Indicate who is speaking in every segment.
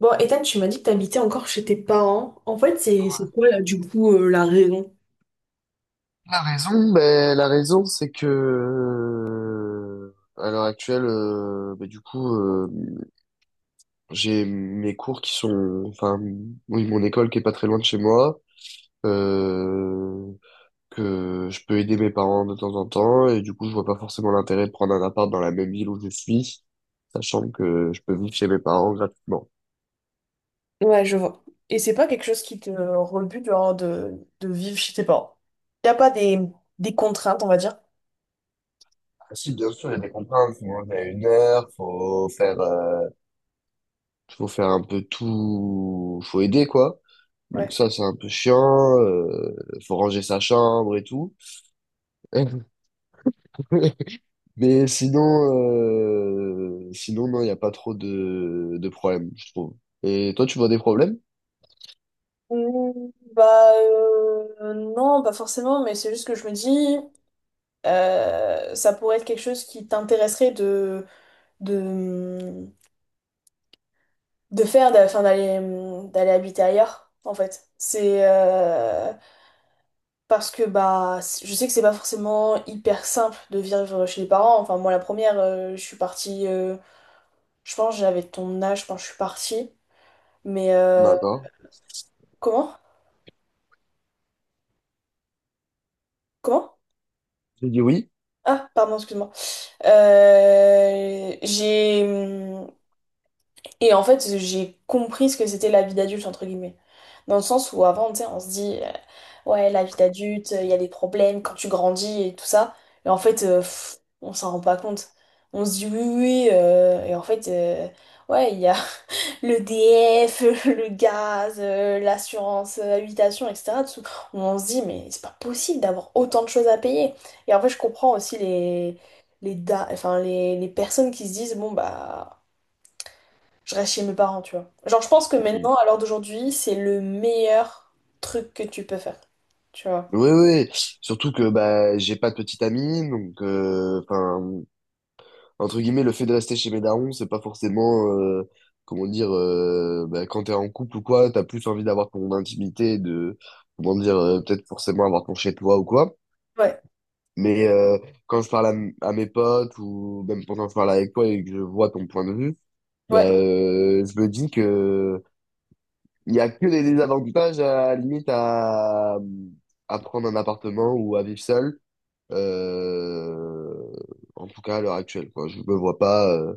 Speaker 1: Bon, Ethan, tu m'as dit que t'habitais encore chez tes parents. En fait, c'est quoi là, du coup, la raison?
Speaker 2: La raison, ben, la raison, c'est que à l'heure actuelle, j'ai mes cours qui sont, enfin, oui, mon école qui est pas très loin de chez moi, euh, que je peux aider mes parents de temps en temps, et du coup, je vois pas forcément l'intérêt de prendre un appart dans la même ville où je suis, sachant que je peux vivre chez mes parents gratuitement.
Speaker 1: Ouais, je vois. Et c'est pas quelque chose qui te rebute genre, de, vivre chez tes parents. Y a pas des contraintes, on va dire.
Speaker 2: Ah, si, bien sûr, il y a des contraintes, faut manger à une heure, faut faire un peu tout, faut aider, quoi. Donc
Speaker 1: Ouais.
Speaker 2: ça, c'est un peu chiant. Faut ranger sa chambre et tout. Mais sinon, sinon non, il n'y a pas trop de problèmes, je trouve. Et toi, tu vois des problèmes?
Speaker 1: Mm, bah non, pas forcément, mais c'est juste que je me dis, ça pourrait être quelque chose qui t'intéresserait de, de faire, d'aller habiter ailleurs, en fait. C'est Parce que bah, je sais que c'est pas forcément hyper simple de vivre chez les parents. Enfin, moi, la première, je suis partie, je pense, j'avais ton âge quand je suis partie. Mais
Speaker 2: D'accord.
Speaker 1: comment? Comment?
Speaker 2: J'ai dit oui.
Speaker 1: Ah, pardon, excuse-moi. J'ai. Et en fait, j'ai compris ce que c'était la vie d'adulte, entre guillemets. Dans le sens où avant, tu sais, on se dit, ouais, la vie d'adulte, il y a des problèmes quand tu grandis et tout ça. Et en fait, on s'en rend pas compte. On se dit, oui, oui, oui, et en fait, ouais, il y a le DF, le gaz, l'assurance, habitation, etc. On se dit, mais c'est pas possible d'avoir autant de choses à payer. Et en fait, je comprends aussi les, da- enfin, les personnes qui se disent, bon, bah. Je reste chez mes parents, tu vois. Genre, je pense que maintenant,
Speaker 2: Mhm.
Speaker 1: à l'heure d'aujourd'hui, c'est le meilleur truc que tu peux faire. Tu vois.
Speaker 2: Oui, oui. Surtout que bah j'ai pas de petite amie, donc enfin entre guillemets le fait de rester chez mes darons, c'est pas forcément comment dire bah, quand t'es en couple ou quoi, t'as plus envie d'avoir ton intimité, de comment dire peut-être forcément avoir ton chez toi ou quoi.
Speaker 1: Ouais,
Speaker 2: Mais quand je parle à mes potes ou même pendant que je parle avec toi et que je vois ton point de vue, ben
Speaker 1: ouais,
Speaker 2: je me dis que il y a que des désavantages à la limite à prendre un appartement ou à vivre seul. Euh, en tout cas à l'heure actuelle, quoi. Je me vois pas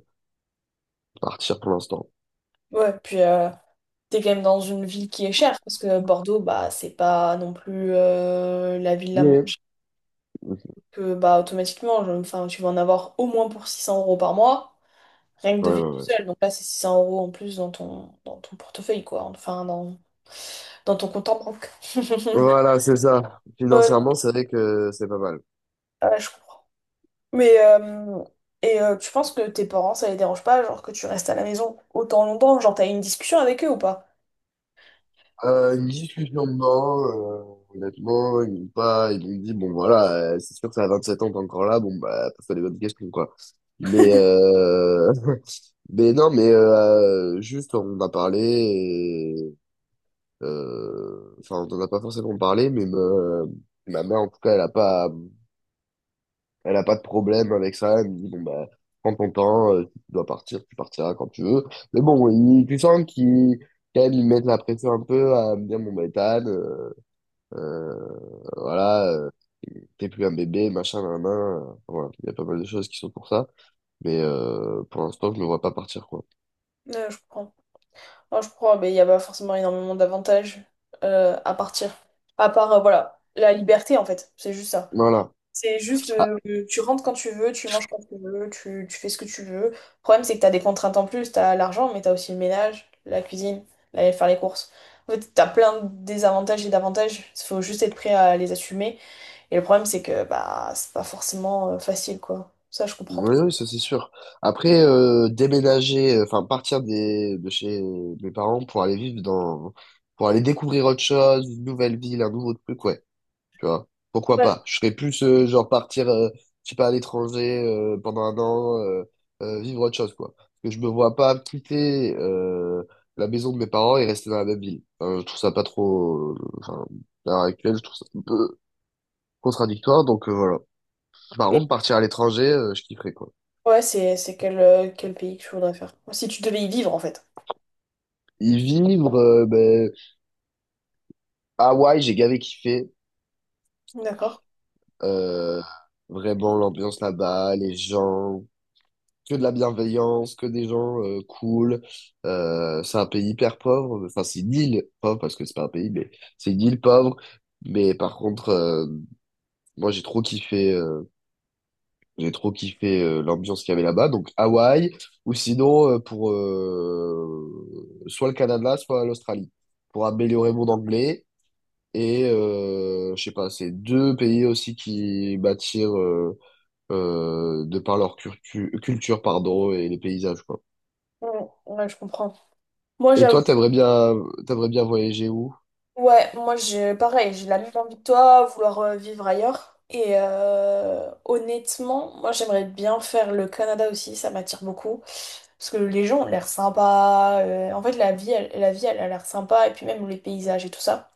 Speaker 2: partir pour l'instant.
Speaker 1: ouais. Puis, t'es quand même dans une ville qui est chère, parce que Bordeaux, bah, c'est pas non plus la ville la moins
Speaker 2: Mais
Speaker 1: chère
Speaker 2: ouais,
Speaker 1: que, bah, automatiquement, tu vas en avoir au moins pour 600 euros par mois, rien que de
Speaker 2: ouais,
Speaker 1: vivre tout
Speaker 2: ouais.
Speaker 1: seul. Donc là, c'est 600 euros en plus dans ton, portefeuille, quoi. Enfin, dans ton compte en banque.
Speaker 2: Voilà, c'est ça.
Speaker 1: Ouais,
Speaker 2: Financièrement, c'est vrai que c'est pas mal.
Speaker 1: ouais, je comprends. Mais euh, et tu penses que tes parents, ça les dérange pas, genre que tu restes à la maison autant longtemps, genre t'as eu une discussion avec eux ou pas?
Speaker 2: Une discussion dedans, honnêtement, ils m'ont pas, ils m'ont dit, bon voilà, c'est sûr que ça a sept ans, t'es encore là, bon bah, pose-toi les bonnes questions, quoi. Mais, mais non, mais juste, on a parlé, et, enfin, on en a pas forcément parlé, mais me... ma mère, en tout cas, elle a pas de problème avec ça, elle me dit, bon bah, prends ton temps, si tu dois partir, tu partiras quand tu veux. Mais bon, tu sens qu'ils, quand même, ils mettent la pression un peu à me dire, bon bah, Ethan, euh, voilà, t'es plus un bébé, machin, nan, nan, voilà, il y a pas mal de choses qui sont pour ça, mais pour l'instant, je me vois pas partir, quoi.
Speaker 1: Je comprends. Moi je crois mais il n'y a pas forcément énormément d'avantages à partir. À part, voilà, la liberté en fait, c'est juste ça.
Speaker 2: Voilà.
Speaker 1: C'est juste,
Speaker 2: Ah,
Speaker 1: tu rentres quand tu veux, tu manges quand tu veux, tu fais ce que tu veux. Le problème, c'est que t'as des contraintes en plus, t'as l'argent, mais t'as aussi le ménage, la cuisine, aller faire les courses. En fait, t'as plein de désavantages et d'avantages, il faut juste être prêt à les assumer. Et le problème, c'est que bah c'est pas forcément facile, quoi. Ça, je comprends
Speaker 2: oui,
Speaker 1: trop.
Speaker 2: oui, ça c'est sûr. Après, déménager, enfin, partir de chez mes parents pour aller vivre dans, pour aller découvrir autre chose, une nouvelle ville, un nouveau truc, ouais. Tu vois, pourquoi
Speaker 1: Ouais.
Speaker 2: pas? Je serais plus genre partir, je sais pas, à l'étranger pendant un an, vivre autre chose, quoi. Parce que je me vois pas quitter la maison de mes parents et rester dans la même ville. Enfin, je trouve ça pas trop. Enfin, à l'heure actuelle, je trouve ça un peu contradictoire. Donc voilà. Par
Speaker 1: Et
Speaker 2: contre, partir à l'étranger, je kifferais, quoi.
Speaker 1: ouais, c'est quel, quel pays que je voudrais faire. Si tu devais y vivre, en fait.
Speaker 2: Y vivre, ben, Hawaï, j'ai gavé kiffé.
Speaker 1: D'accord.
Speaker 2: Euh, vraiment l'ambiance là-bas, les gens. Que de la bienveillance, que des gens cool. C'est un pays hyper pauvre. Enfin, c'est une île pauvre parce que c'est pas un pays, mais c'est une île pauvre. Mais par contre, moi j'ai trop kiffé l'ambiance qu'il y avait là-bas. Donc Hawaï ou sinon pour soit le Canada, soit l'Australie pour améliorer mon anglais. Et je sais pas, c'est deux pays aussi qui m'attirent de par leur culture, pardon, et les paysages, quoi.
Speaker 1: Mm, ouais, je comprends. Moi,
Speaker 2: Et
Speaker 1: j'avoue.
Speaker 2: toi, t'aimerais bien voyager où?
Speaker 1: Ouais, moi, j'ai pareil, j'ai la même envie que toi, vouloir vivre ailleurs. Et honnêtement, moi, j'aimerais bien faire le Canada aussi, ça m'attire beaucoup. Parce que les gens ont l'air sympas. En fait, la vie, elle a l'air sympa. Et puis même les paysages et tout ça.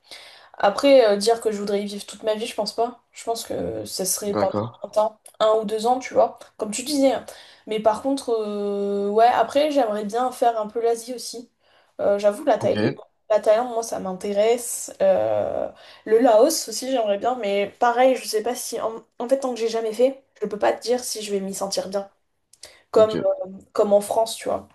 Speaker 1: Après, dire que je voudrais y vivre toute ma vie, je pense pas. Je pense que ça serait pendant
Speaker 2: D'accord.
Speaker 1: un temps, un ou deux ans, tu vois, comme tu disais, hein. Mais par contre, ouais, après, j'aimerais bien faire un peu l'Asie aussi. J'avoue,
Speaker 2: Ok.
Speaker 1: la Thaïlande, moi, ça m'intéresse. Le Laos aussi, j'aimerais bien. Mais pareil, je sais pas si... En fait, tant que j'ai jamais fait, je peux pas te dire si je vais m'y sentir bien. Comme,
Speaker 2: Ok.
Speaker 1: comme en France, tu vois.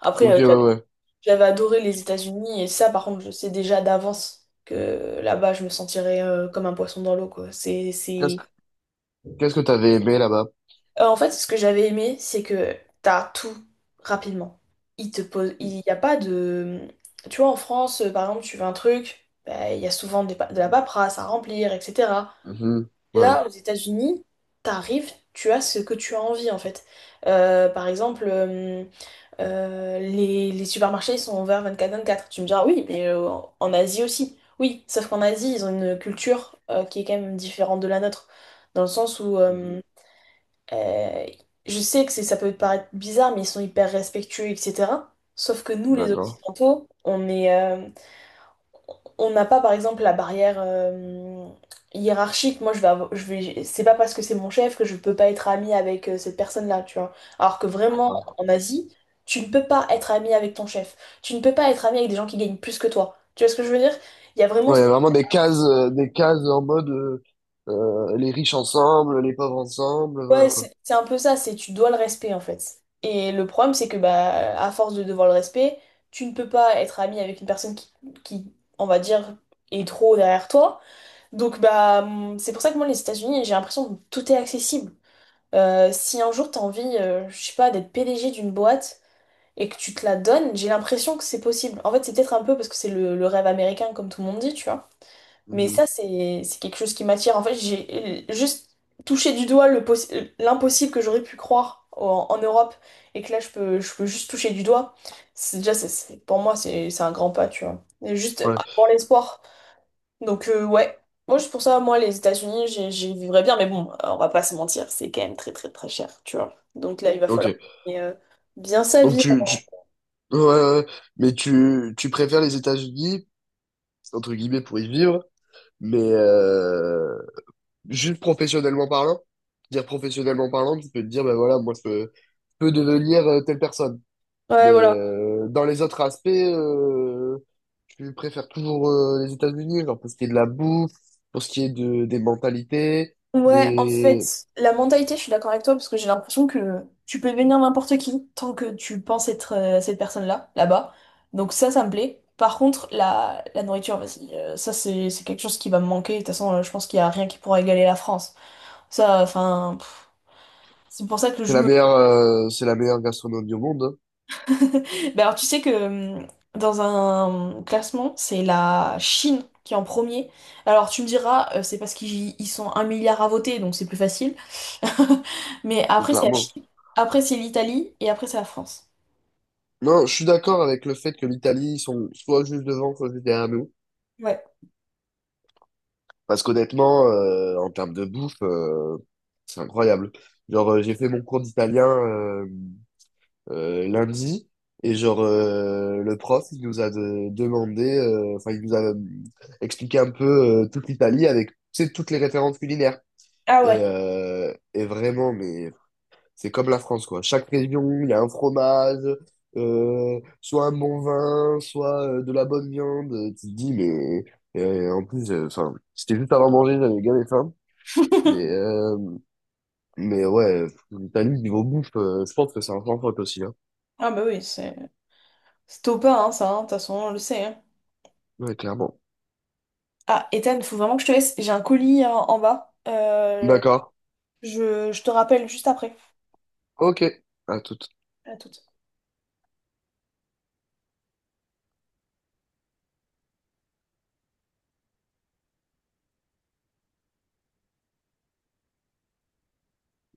Speaker 1: Après,
Speaker 2: Ok, ouais, ouais.
Speaker 1: j'avais adoré les États-Unis et ça, par contre, je sais déjà d'avance que là-bas, je me sentirais comme un poisson dans l'eau, quoi. C'est,
Speaker 2: Qu'est-ce
Speaker 1: c'est...
Speaker 2: que Qu'est-ce que t'avais aimé là-bas?
Speaker 1: En fait, ce que j'avais aimé, c'est que t'as tout rapidement. Il te pose... Il n'y a pas de... Tu vois, en France, par exemple, tu veux un truc, bah, il y a souvent de la paperasse à remplir, etc.
Speaker 2: Mhm. Ouais.
Speaker 1: Là, aux États-Unis, t'arrives, tu as ce que tu as envie, en fait. Par exemple... les supermarchés sont ouverts vingt-quatre vingt-quatre. Tu me diras, oui, mais en Asie aussi. Oui, sauf qu'en Asie, ils ont une culture qui est quand même différente de la nôtre. Dans le sens où,
Speaker 2: Mhm.
Speaker 1: euh, je sais que ça peut te paraître bizarre, mais ils sont hyper respectueux, etc. Sauf que nous, les
Speaker 2: D'accord.
Speaker 1: Occidentaux, on est, on n'a pas par exemple la barrière hiérarchique. Moi, je vais, c'est pas parce que c'est mon chef que je peux pas être amie avec cette personne-là, tu vois. Alors que vraiment,
Speaker 2: D'accord.
Speaker 1: en Asie, tu ne peux pas être amie avec ton chef. Tu ne peux pas être amie avec des gens qui gagnent plus que toi. Tu vois ce que je veux dire? Il y a vraiment,
Speaker 2: Ouais, il y a vraiment des cases en mode les riches ensemble, les pauvres ensemble, voilà
Speaker 1: ouais,
Speaker 2: quoi.
Speaker 1: c'est un peu ça. C'est tu dois le respect en fait. Et le problème, c'est que bah, à force de devoir le respect, tu ne peux pas être amie avec une personne qui, on va dire, est trop derrière toi. Donc bah c'est pour ça que moi les États-Unis, j'ai l'impression que tout est accessible. Si un jour t'as envie, je sais pas, d'être PDG d'une boîte et que tu te la donnes, j'ai l'impression que c'est possible. En fait, c'est peut-être un peu parce que c'est le, rêve américain comme tout le monde dit, tu vois. Mais
Speaker 2: Mhm.
Speaker 1: ça c'est quelque chose qui m'attire. En fait, j'ai juste touché du doigt l'impossible que j'aurais pu croire en, Europe et que là je peux juste toucher du doigt. C'est déjà c'est- Pour moi c'est un grand pas, tu vois. Et juste
Speaker 2: Ouais.
Speaker 1: avoir l'espoir. Donc, ouais. Moi, pour ça, moi, les États-Unis, j'y vivrais bien. Mais bon, on va pas se mentir, c'est quand même très, très, très cher, tu vois. Donc là, il, oui, va
Speaker 2: Ok.
Speaker 1: falloir gagner, bien sa
Speaker 2: Donc
Speaker 1: vie.
Speaker 2: tu... Ouais, ouais, ouais. Mais tu préfères les États-Unis, entre guillemets, pour y vivre, mais juste professionnellement parlant, dire professionnellement parlant, tu peux te dire, ben voilà, moi, je peux devenir telle personne.
Speaker 1: Ouais,
Speaker 2: Mais
Speaker 1: voilà.
Speaker 2: dans les autres aspects, je préfère toujours les États-Unis, genre pour ce qui est de la bouffe, pour ce qui est de, des mentalités,
Speaker 1: Ouais, en
Speaker 2: des...
Speaker 1: fait, la mentalité, je suis d'accord avec toi, parce que j'ai l'impression que tu peux devenir n'importe qui tant que tu penses être cette personne-là, là-bas. Donc ça me plaît. Par contre, la nourriture, vas-y, ça, c'est quelque chose qui va me manquer. De toute façon, je pense qu'il y a rien qui pourra égaler la France. Ça, enfin... c'est pour ça que je...
Speaker 2: C'est la meilleure gastronomie au monde, hein.
Speaker 1: Bah alors tu sais que dans un classement, c'est la Chine qui est en premier. Alors tu me diras, c'est parce qu'ils sont un milliard à voter, donc c'est plus facile. Mais
Speaker 2: Donc
Speaker 1: après c'est la
Speaker 2: clairement.
Speaker 1: Chine, après c'est l'Italie et après c'est la France.
Speaker 2: Non, je suis d'accord avec le fait que l'Italie, ils sont soit juste devant, soit juste derrière nous.
Speaker 1: Ouais.
Speaker 2: Parce qu'honnêtement, en termes de bouffe, c'est incroyable. Genre, j'ai fait mon cours d'italien lundi, et genre, le prof, il nous a demandé, enfin, il nous a expliqué un peu toute l'Italie avec, tu sais, toutes les références culinaires.
Speaker 1: Ah ouais.
Speaker 2: Et vraiment, mais c'est comme la France, quoi. Chaque région, il y a un fromage, soit un bon vin, soit de la bonne viande. Tu te dis, mais en plus, enfin, c'était juste avant manger, j'avais gavé faim. Mais, euh, mais ouais, l'Italie, niveau bouffe, je pense que c'est un sans faute aussi, hein.
Speaker 1: Ah bah oui, c'est... C'est top pas, hein, ça, hein, de toute façon, on le sait, hein.
Speaker 2: Ouais, clairement.
Speaker 1: Ah, Ethan, faut vraiment que je te laisse. J'ai un colis en, bas.
Speaker 2: D'accord.
Speaker 1: Je te rappelle juste après.
Speaker 2: Ok. À tout
Speaker 1: À tout